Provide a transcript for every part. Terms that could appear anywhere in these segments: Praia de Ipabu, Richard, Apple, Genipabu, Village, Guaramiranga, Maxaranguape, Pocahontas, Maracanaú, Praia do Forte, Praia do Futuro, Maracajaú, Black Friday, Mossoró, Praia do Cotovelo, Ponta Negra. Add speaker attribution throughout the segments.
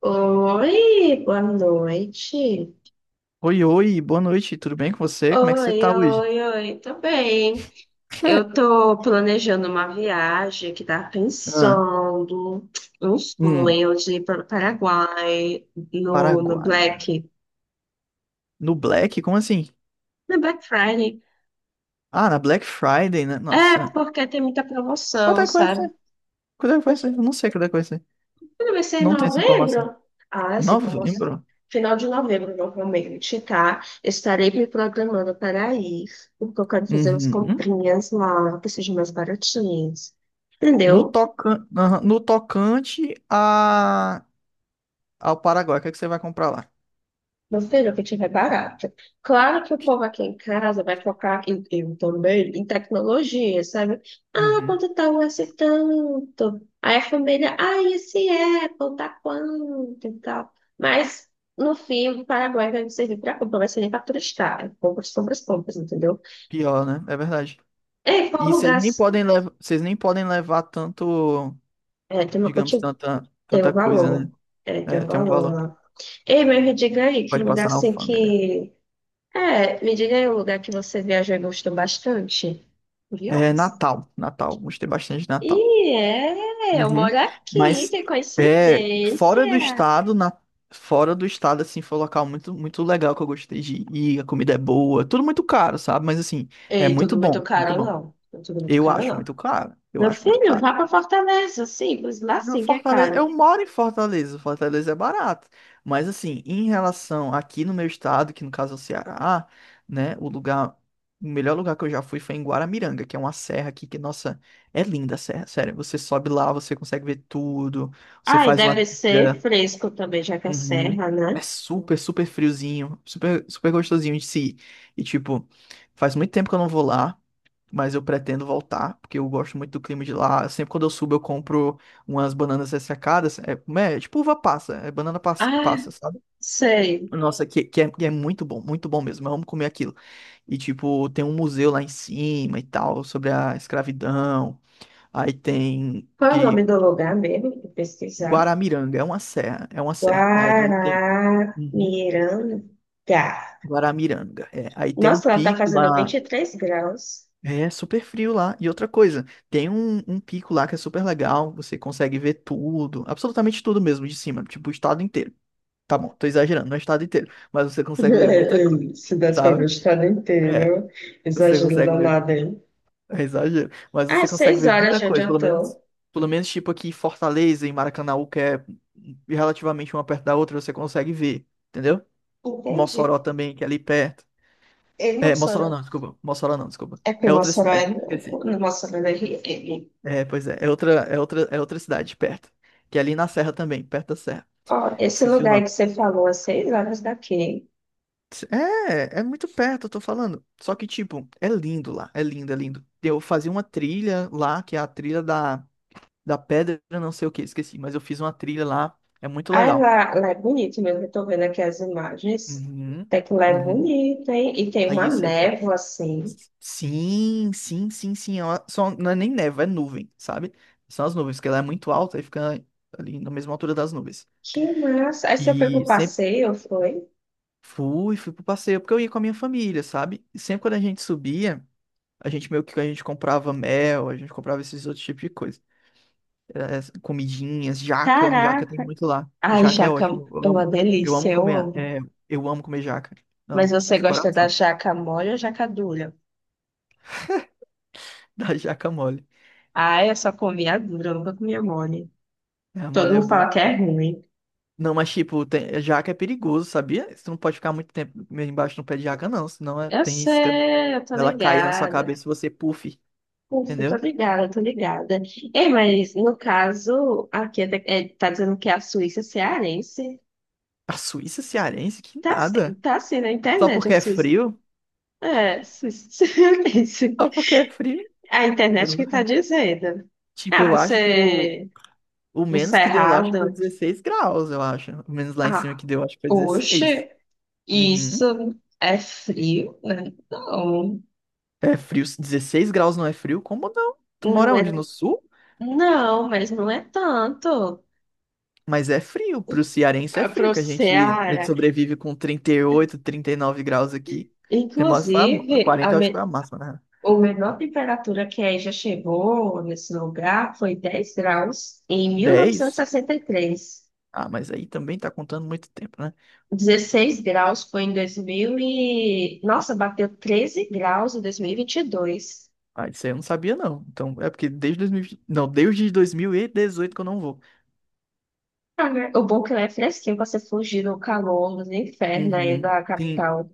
Speaker 1: Oi, boa noite.
Speaker 2: Oi, oi, boa noite, tudo bem com você? Como é que você
Speaker 1: Oi,
Speaker 2: tá hoje?
Speaker 1: oi, oi, tô bem. Eu tô planejando uma viagem que tá
Speaker 2: Ah,
Speaker 1: pensando um
Speaker 2: hum,
Speaker 1: sonho de ir para o Paraguai no, no
Speaker 2: Paraguai.
Speaker 1: Black,
Speaker 2: No Black? Como assim?
Speaker 1: no Black Friday.
Speaker 2: Ah, na Black Friday, né?
Speaker 1: É,
Speaker 2: Nossa.
Speaker 1: porque tem muita
Speaker 2: Quanto
Speaker 1: promoção,
Speaker 2: é que vai ser?
Speaker 1: sabe?
Speaker 2: Quanto é que vai ser? Eu não sei quanto é que vai ser.
Speaker 1: Quando vai ser em
Speaker 2: Não tem essa informação.
Speaker 1: novembro? Ah, sim, como assim?
Speaker 2: Novembro?
Speaker 1: Final de novembro, normalmente, tá? Estarei me programando para ir, porque eu quero fazer umas
Speaker 2: Uhum.
Speaker 1: comprinhas lá, que sejam mais baratinhas.
Speaker 2: No
Speaker 1: Entendeu?
Speaker 2: tocan... aham, no tocante ao Paraguai, o que é que você vai comprar lá?
Speaker 1: Meu filho, o que tiver barato. Claro que o povo aqui em casa vai focar, em, eu também, em tecnologia, sabe? Ah,
Speaker 2: Uhum.
Speaker 1: quanto tá um esse tanto? Aí a família, esse Apple tá quanto e tal. Mas, no fim, o Paraguai vai servir para compra, vai servir para turistar. É compras, compras, compras, entendeu?
Speaker 2: Pior, né? É verdade.
Speaker 1: Ei, qual
Speaker 2: E vocês
Speaker 1: lugar?
Speaker 2: nem podem levar, vocês nem podem levar tanto,
Speaker 1: É,
Speaker 2: digamos, tanta,
Speaker 1: tem um
Speaker 2: tanta coisa,
Speaker 1: valor.
Speaker 2: né?
Speaker 1: É, tem
Speaker 2: É,
Speaker 1: um
Speaker 2: tem um
Speaker 1: valor
Speaker 2: valor.
Speaker 1: lá. Ei, mas me diga aí, que
Speaker 2: Pode
Speaker 1: lugar
Speaker 2: passar na
Speaker 1: assim
Speaker 2: alfândega.
Speaker 1: que... É, me diga aí um lugar que você viajou e gostou bastante.
Speaker 2: É
Speaker 1: Curioso.
Speaker 2: Natal, Natal. Gostei bastante de Natal.
Speaker 1: E é, eu
Speaker 2: Uhum.
Speaker 1: moro aqui,
Speaker 2: Mas
Speaker 1: que
Speaker 2: é
Speaker 1: coincidência.
Speaker 2: fora do estado, na... fora do estado, assim, foi um local muito, muito legal que eu gostei de ir. A comida é boa, tudo muito caro, sabe? Mas assim, é
Speaker 1: Ei,
Speaker 2: muito
Speaker 1: tudo muito
Speaker 2: bom, muito
Speaker 1: caro,
Speaker 2: bom.
Speaker 1: não. Tudo muito
Speaker 2: Eu
Speaker 1: caro,
Speaker 2: acho
Speaker 1: não.
Speaker 2: muito caro. Eu
Speaker 1: Meu
Speaker 2: acho muito
Speaker 1: filho,
Speaker 2: caro.
Speaker 1: vá para Fortaleza, simples, lá
Speaker 2: No
Speaker 1: sim que é
Speaker 2: Fortaleza,
Speaker 1: caro.
Speaker 2: eu moro em Fortaleza, Fortaleza é barato. Mas assim, em relação aqui no meu estado, que no caso é o Ceará, né, o melhor lugar que eu já fui foi em Guaramiranga, que é uma serra aqui que, nossa, é linda a serra, sério. Você sobe lá, você consegue ver tudo, você
Speaker 1: Ai,
Speaker 2: faz uma
Speaker 1: deve ser
Speaker 2: trilha.
Speaker 1: fresco também, já que é
Speaker 2: Uhum.
Speaker 1: serra, né?
Speaker 2: É super, super friozinho, super, super gostosinho de se ir. E tipo, faz muito tempo que eu não vou lá, mas eu pretendo voltar, porque eu gosto muito do clima de lá. Sempre quando eu subo, eu compro umas bananas ressecadas. É, como é? É tipo uva passa, é banana passa,
Speaker 1: Ah,
Speaker 2: passa, sabe?
Speaker 1: sei.
Speaker 2: Nossa, que é muito bom mesmo. Eu amo comer aquilo. E, tipo, tem um museu lá em cima e tal, sobre a escravidão. Aí tem
Speaker 1: Qual é o
Speaker 2: que
Speaker 1: nome do lugar mesmo? Vou pesquisar.
Speaker 2: Guaramiranga, é uma serra, é uma serra. Lá tem.
Speaker 1: Guaramiranga.
Speaker 2: Uhum. Guaramiranga, é. Aí tem um
Speaker 1: Nossa, lá tá
Speaker 2: pico
Speaker 1: fazendo vinte
Speaker 2: lá.
Speaker 1: e três graus.
Speaker 2: É super frio lá. E outra coisa, tem um pico lá que é super legal, você consegue ver tudo, absolutamente tudo mesmo de cima, tipo o estado inteiro. Tá bom, tô exagerando, não é o estado inteiro, mas você consegue ver muita coisa,
Speaker 1: Se desse pra ver o
Speaker 2: sabe?
Speaker 1: estado
Speaker 2: É,
Speaker 1: inteiro,
Speaker 2: você
Speaker 1: exagero
Speaker 2: consegue ver,
Speaker 1: danado, hein?
Speaker 2: é exagero, mas
Speaker 1: Ah,
Speaker 2: você consegue
Speaker 1: seis
Speaker 2: ver
Speaker 1: horas
Speaker 2: muita
Speaker 1: de onde
Speaker 2: coisa,
Speaker 1: eu
Speaker 2: pelo menos,
Speaker 1: tô.
Speaker 2: pelo menos tipo aqui em Fortaleza e Maracanaú, que é relativamente uma perto da outra, você consegue ver, entendeu?
Speaker 1: Entendi.
Speaker 2: Mossoró também, que é ali perto.
Speaker 1: Ei,
Speaker 2: É, Mossoró
Speaker 1: Mossoró.
Speaker 2: não, desculpa, Mossoró não, desculpa.
Speaker 1: É
Speaker 2: É
Speaker 1: porque
Speaker 2: outra
Speaker 1: Mossoró é
Speaker 2: cidade, esqueci.
Speaker 1: no Mossoró da RN.
Speaker 2: É, pois é. É outra cidade perto. Que é ali na serra também, perto da serra.
Speaker 1: Ó, esse
Speaker 2: Esqueci o
Speaker 1: lugar aí
Speaker 2: nome.
Speaker 1: que você falou, a 6 horas daqui.
Speaker 2: É muito perto, eu tô falando. Só que, tipo, é lindo lá. É lindo, é lindo. Eu fazia uma trilha lá, que é a trilha da pedra, não sei o que, esqueci. Mas eu fiz uma trilha lá. É muito
Speaker 1: Ah,
Speaker 2: legal.
Speaker 1: lá é bonito mesmo, eu tô vendo aqui as imagens.
Speaker 2: Uhum,
Speaker 1: Até que lá é
Speaker 2: uhum.
Speaker 1: bonito, hein? E tem uma
Speaker 2: Aí sempre. co-
Speaker 1: névoa, assim.
Speaker 2: Sim, sim, sim, sim. Só, não é nem neve, é nuvem, sabe? São as nuvens, porque ela é muito alta e fica ali na mesma altura das nuvens.
Speaker 1: Que massa. Aí você foi pro
Speaker 2: E sempre
Speaker 1: passeio, foi?
Speaker 2: fui pro passeio, porque eu ia com a minha família, sabe? E sempre quando a gente subia, a gente comprava mel, a gente comprava esses outros tipos de coisa. As comidinhas, jaca, jaca tem
Speaker 1: Caraca.
Speaker 2: muito lá.
Speaker 1: Ai,
Speaker 2: Jaca é
Speaker 1: jaca,
Speaker 2: ótimo,
Speaker 1: é
Speaker 2: eu
Speaker 1: uma
Speaker 2: amo,
Speaker 1: delícia, eu
Speaker 2: comer,
Speaker 1: amo.
Speaker 2: eu amo comer jaca,
Speaker 1: Mas
Speaker 2: amo,
Speaker 1: você
Speaker 2: de
Speaker 1: gosta da
Speaker 2: coração.
Speaker 1: jaca mole ou jaca dura?
Speaker 2: Da jaca mole,
Speaker 1: Ah, eu só comi a dura, eu nunca comi a mole.
Speaker 2: a
Speaker 1: Todo
Speaker 2: mole é
Speaker 1: mundo fala
Speaker 2: boa.
Speaker 1: que é ruim.
Speaker 2: Não, mas tipo, jaca é perigoso, sabia? Você não pode ficar muito tempo meio embaixo do pé de jaca, não, senão
Speaker 1: Eu
Speaker 2: tem isca
Speaker 1: sei, eu tô
Speaker 2: dela cair na sua
Speaker 1: ligada.
Speaker 2: cabeça e você puff,
Speaker 1: Ufa, eu tô
Speaker 2: entendeu?
Speaker 1: ligada, eu tô ligada. Ei, mas no caso, aqui é, tá dizendo que a Suíça é cearense.
Speaker 2: A Suíça cearense, que
Speaker 1: Tá, assim-
Speaker 2: nada.
Speaker 1: tá assim na
Speaker 2: Só
Speaker 1: internet, a
Speaker 2: porque é
Speaker 1: Suíça.
Speaker 2: frio?
Speaker 1: É, Suíça é cearense.
Speaker 2: Só porque é frio.
Speaker 1: A
Speaker 2: Eu
Speaker 1: internet que tá
Speaker 2: não-
Speaker 1: dizendo.
Speaker 2: Tipo,
Speaker 1: Ah,
Speaker 2: eu acho que o,
Speaker 1: você
Speaker 2: o menos que deu lá acho que foi
Speaker 1: encerrado.
Speaker 2: 16 graus, eu acho. O menos lá em cima
Speaker 1: Ah,
Speaker 2: que deu acho que foi 16.
Speaker 1: oxe.
Speaker 2: Uhum.
Speaker 1: Isso é frio, né? Não,
Speaker 2: É frio. 16 graus não é frio? Como não? Tu
Speaker 1: não
Speaker 2: mora onde?
Speaker 1: é,
Speaker 2: No sul?
Speaker 1: não, mas não é tanto
Speaker 2: Mas é frio. Pro cearense é
Speaker 1: para
Speaker 2: frio,
Speaker 1: o
Speaker 2: que a gente
Speaker 1: Ceará.
Speaker 2: sobrevive com 38, 39 graus aqui. Tem mais foi
Speaker 1: Inclusive, a,
Speaker 2: 40, eu
Speaker 1: me,
Speaker 2: acho que foi a máxima, né?
Speaker 1: a menor temperatura que aí já chegou nesse lugar foi 10 graus em mil novecentos e
Speaker 2: 10?
Speaker 1: e sessenta e três.
Speaker 2: Ah, mas aí também tá contando muito tempo, né?
Speaker 1: 16 graus foi em 2000 e... Nossa, bateu 13 graus em 2022.
Speaker 2: Ah, isso aí eu não sabia, não. Então, é porque desde 2000, não, desde 2018 que eu não vou.
Speaker 1: Ah, né? O bom é que lá é fresquinho para você fugir do calor, do inferno aí
Speaker 2: Uhum.
Speaker 1: da
Speaker 2: Sim.
Speaker 1: capital.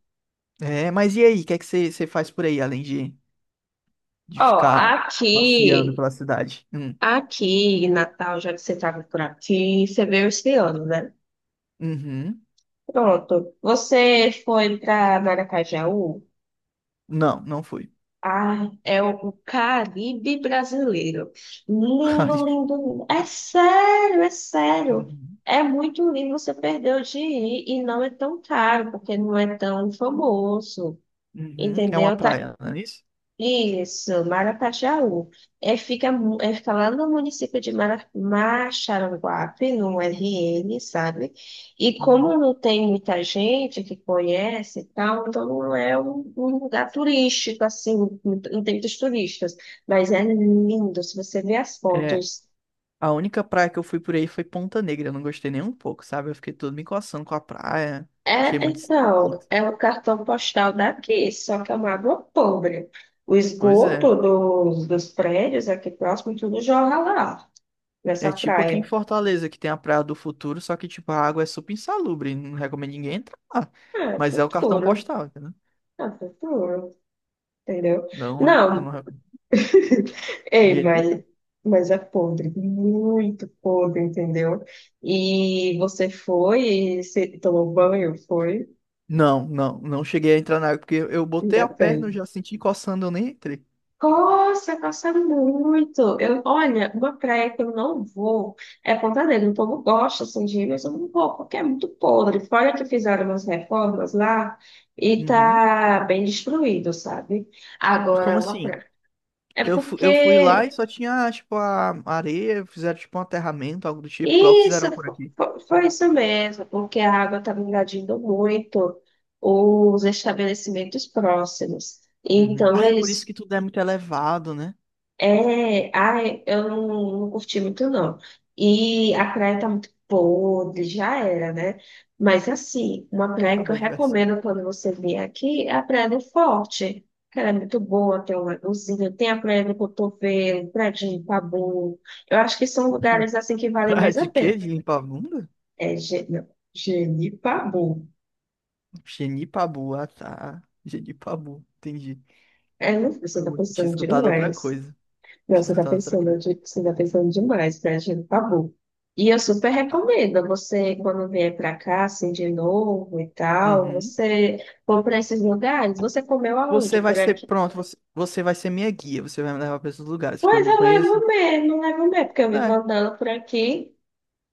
Speaker 2: É, mas e aí? O que é que você faz por aí, além de
Speaker 1: Ó,
Speaker 2: ficar passeando
Speaker 1: aqui,
Speaker 2: pela cidade? Hum.
Speaker 1: aqui em Natal, já que você estava por aqui, você veio esse ano, né?
Speaker 2: Uhum.
Speaker 1: Pronto. Você foi para Maracajaú?
Speaker 2: Não, não fui.
Speaker 1: Ah, é o Caribe brasileiro. Lindo,
Speaker 2: Caribe.
Speaker 1: lindo, lindo. É sério, é sério.
Speaker 2: Uhum.
Speaker 1: É muito lindo, você perdeu de ir e não é tão caro, porque não é tão famoso.
Speaker 2: Uhum. É uma
Speaker 1: Entendeu? Tá.
Speaker 2: praia, não é isso?
Speaker 1: Isso. Maracajá É, fica, mu- é, Fica lá no município de Maxaranguape, no RN, sabe? E como
Speaker 2: Uhum.
Speaker 1: não tem muita gente que conhece e tal, então não é um lugar turístico, assim, não tem muitos turistas. Mas é lindo, se você ver as
Speaker 2: É,
Speaker 1: fotos.
Speaker 2: a única praia que eu fui por aí foi Ponta Negra. Eu não gostei nem um pouco, sabe? Eu fiquei todo me coçando com a praia. Achei
Speaker 1: É,
Speaker 2: muito
Speaker 1: então,
Speaker 2: esquisito.
Speaker 1: é o cartão postal daqui, só que é uma água pobre. O
Speaker 2: Pois é.
Speaker 1: esgoto dos prédios aqui próximo, tudo jorra lá
Speaker 2: É
Speaker 1: nessa
Speaker 2: tipo aqui em
Speaker 1: praia.
Speaker 2: Fortaleza, que tem a Praia do Futuro, só que, tipo, a água é super insalubre, não recomendo ninguém entrar lá.
Speaker 1: Ah,
Speaker 2: Mas é o cartão
Speaker 1: futuro.
Speaker 2: postal, entendeu?
Speaker 1: Ah, futuro. Entendeu?
Speaker 2: Não é,
Speaker 1: Não.
Speaker 2: não é de
Speaker 1: Ei,
Speaker 2: jeito
Speaker 1: mas,
Speaker 2: nenhum.
Speaker 1: mas é podre. Muito podre, entendeu? E você foi e se tomou banho? Foi?
Speaker 2: Não, não, não cheguei a entrar na água, porque eu botei
Speaker 1: Ainda
Speaker 2: a perna, eu
Speaker 1: bem.
Speaker 2: já senti coçando, eu nem entrei.
Speaker 1: Nossa, gosta muito. Eu, olha, uma praia que eu não vou é Ponta Negra. O povo gosta assim, de ir, mas eu não vou, porque é muito podre. Fora que fizeram umas reformas lá e
Speaker 2: Uhum.
Speaker 1: tá bem destruído, sabe?
Speaker 2: Como
Speaker 1: Agora, uma
Speaker 2: assim?
Speaker 1: praia. É
Speaker 2: Eu fui lá e
Speaker 1: porque
Speaker 2: só tinha, tipo, a areia, fizeram, tipo, um aterramento, algo do tipo, igual
Speaker 1: isso
Speaker 2: fizeram por aqui.
Speaker 1: foi isso mesmo, porque a água estava invadindo muito os estabelecimentos próximos.
Speaker 2: Uhum.
Speaker 1: Então
Speaker 2: Ah, é por isso
Speaker 1: eles.
Speaker 2: que tudo é muito elevado, né?
Speaker 1: É, ai, eu não, não curti muito, não. E a praia tá muito podre, já era, né? Mas, assim, uma praia que eu
Speaker 2: Acabou a diversão.
Speaker 1: recomendo quando você vier aqui é a Praia do Forte, que ela é muito boa, tem um lagozinho, tem a Praia do Cotovelo, Praia de Ipabu. Eu acho que são lugares, assim, que valem
Speaker 2: Praia
Speaker 1: mais
Speaker 2: de
Speaker 1: a pena.
Speaker 2: quê? De limpar a bunda?
Speaker 1: É, não, Genipabu.
Speaker 2: Genipabu, ah tá. Genipabu, entendi.
Speaker 1: É, não, você tá
Speaker 2: Eu tinha
Speaker 1: pensando
Speaker 2: escutado outra
Speaker 1: demais.
Speaker 2: coisa.
Speaker 1: Não,
Speaker 2: Tinha
Speaker 1: você tá
Speaker 2: escutado outra
Speaker 1: pensando,
Speaker 2: coisa.
Speaker 1: de- você tá pensando demais, né, gente? Tabu. E eu super
Speaker 2: Ah,
Speaker 1: recomendo você, quando vier pra cá, assim, de novo e tal,
Speaker 2: uhum.
Speaker 1: você for pra esses lugares, você comeu aonde
Speaker 2: Você vai
Speaker 1: por
Speaker 2: ser,
Speaker 1: aqui?
Speaker 2: pronto, você vai ser minha guia, você vai me levar para esses lugares, porque eu
Speaker 1: Pois
Speaker 2: não
Speaker 1: eu
Speaker 2: conheço.
Speaker 1: levo mesmo, porque eu vivo
Speaker 2: É,
Speaker 1: andando por aqui,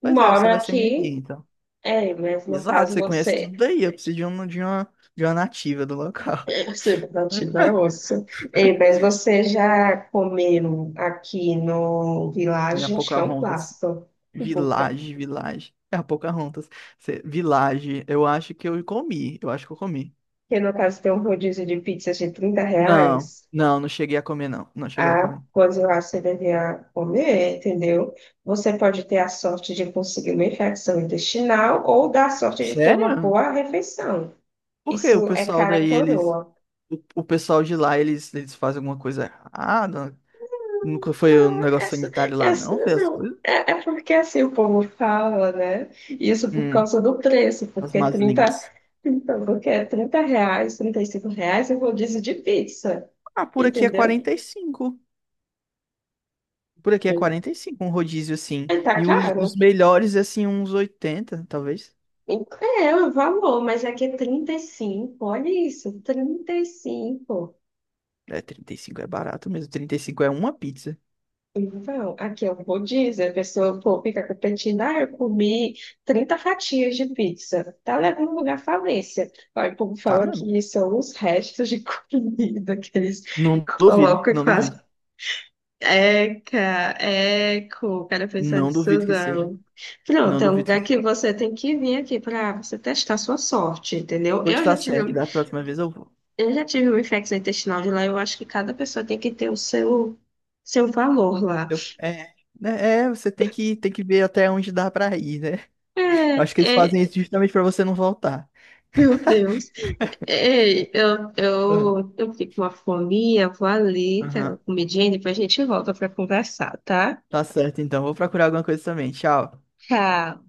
Speaker 2: pois é,
Speaker 1: moro
Speaker 2: você vai ser minha guia,
Speaker 1: aqui,
Speaker 2: então.
Speaker 1: é, mas no
Speaker 2: Exato,
Speaker 1: caso
Speaker 2: você conhece tudo
Speaker 1: você,
Speaker 2: daí, eu preciso de uma, de uma nativa do local.
Speaker 1: você batido na ossa, é, mas você já comeu aqui no
Speaker 2: Minha
Speaker 1: Village, acho que é um
Speaker 2: Pocahontas,
Speaker 1: plástico,
Speaker 2: Village, Village. É a Pocahontas. Village, eu acho que eu comi, eu acho que eu comi.
Speaker 1: que no caso tem um rodízio de pizzas de 30
Speaker 2: Não,
Speaker 1: reais,
Speaker 2: não, não cheguei a comer, não. Não cheguei a
Speaker 1: a
Speaker 2: comer.
Speaker 1: coisa lá você deveria comer, entendeu? Você pode ter a sorte de conseguir uma infecção intestinal ou dar a sorte de ter uma
Speaker 2: Sério?
Speaker 1: boa refeição.
Speaker 2: Por que o
Speaker 1: Isso é
Speaker 2: pessoal daí,
Speaker 1: cara
Speaker 2: eles.
Speaker 1: coroa.
Speaker 2: O pessoal de lá, eles fazem alguma coisa errada? Nunca foi um
Speaker 1: Não.
Speaker 2: negócio
Speaker 1: Essa,
Speaker 2: sanitário lá,
Speaker 1: essa
Speaker 2: não? Foi as
Speaker 1: não.
Speaker 2: coisas?
Speaker 1: É porque assim o povo fala, né? Isso por
Speaker 2: Hum,
Speaker 1: causa do preço,
Speaker 2: as
Speaker 1: porque
Speaker 2: más
Speaker 1: 30,
Speaker 2: línguas.
Speaker 1: então, porque é R$ 30, R$ 35 é rodízio de pizza,
Speaker 2: Ah, por aqui é
Speaker 1: entendeu?
Speaker 2: 45. Por aqui é
Speaker 1: Aí.
Speaker 2: 45 um rodízio assim.
Speaker 1: Tá
Speaker 2: E os
Speaker 1: caro.
Speaker 2: melhores, assim, uns 80 talvez.
Speaker 1: É, o valor, mas aqui é 35, olha isso, 35.
Speaker 2: É, 35 é barato mesmo. 35 é uma pizza.
Speaker 1: Então, aqui é o rodízio, a pessoa, pô, fica competindo, eu comi 30 fatias de pizza, tá levando lugar à falência. Aí o povo
Speaker 2: Tá
Speaker 1: fala
Speaker 2: mesmo?
Speaker 1: que são os restos de comida que eles
Speaker 2: Não duvido,
Speaker 1: colocam e
Speaker 2: não
Speaker 1: fazem.
Speaker 2: duvido.
Speaker 1: Eca, eco, cara pensar
Speaker 2: Não
Speaker 1: nisso
Speaker 2: duvido que seja.
Speaker 1: não.
Speaker 2: Não
Speaker 1: Pronto, é um
Speaker 2: duvido que
Speaker 1: lugar que
Speaker 2: seja.
Speaker 1: você tem que vir aqui para você testar sua sorte, entendeu?
Speaker 2: Pois
Speaker 1: Eu já
Speaker 2: tá
Speaker 1: tive
Speaker 2: certo, da próxima vez eu vou.
Speaker 1: Eu já tive uma infecção intestinal de lá, eu acho que cada pessoa tem que ter o seu valor lá.
Speaker 2: É, né, é, você tem que, ver até onde dá pra ir, né?
Speaker 1: É,
Speaker 2: Eu acho que eles
Speaker 1: é,
Speaker 2: fazem isso justamente pra você não voltar.
Speaker 1: meu Deus. É, eu,
Speaker 2: Aham,
Speaker 1: eu, eu fico com uma fominha, vou ali, cara,
Speaker 2: aham.
Speaker 1: comidinha, e depois a gente volta para conversar, tá?
Speaker 2: Tá certo, então. Vou procurar alguma coisa também. Tchau.
Speaker 1: Tchau.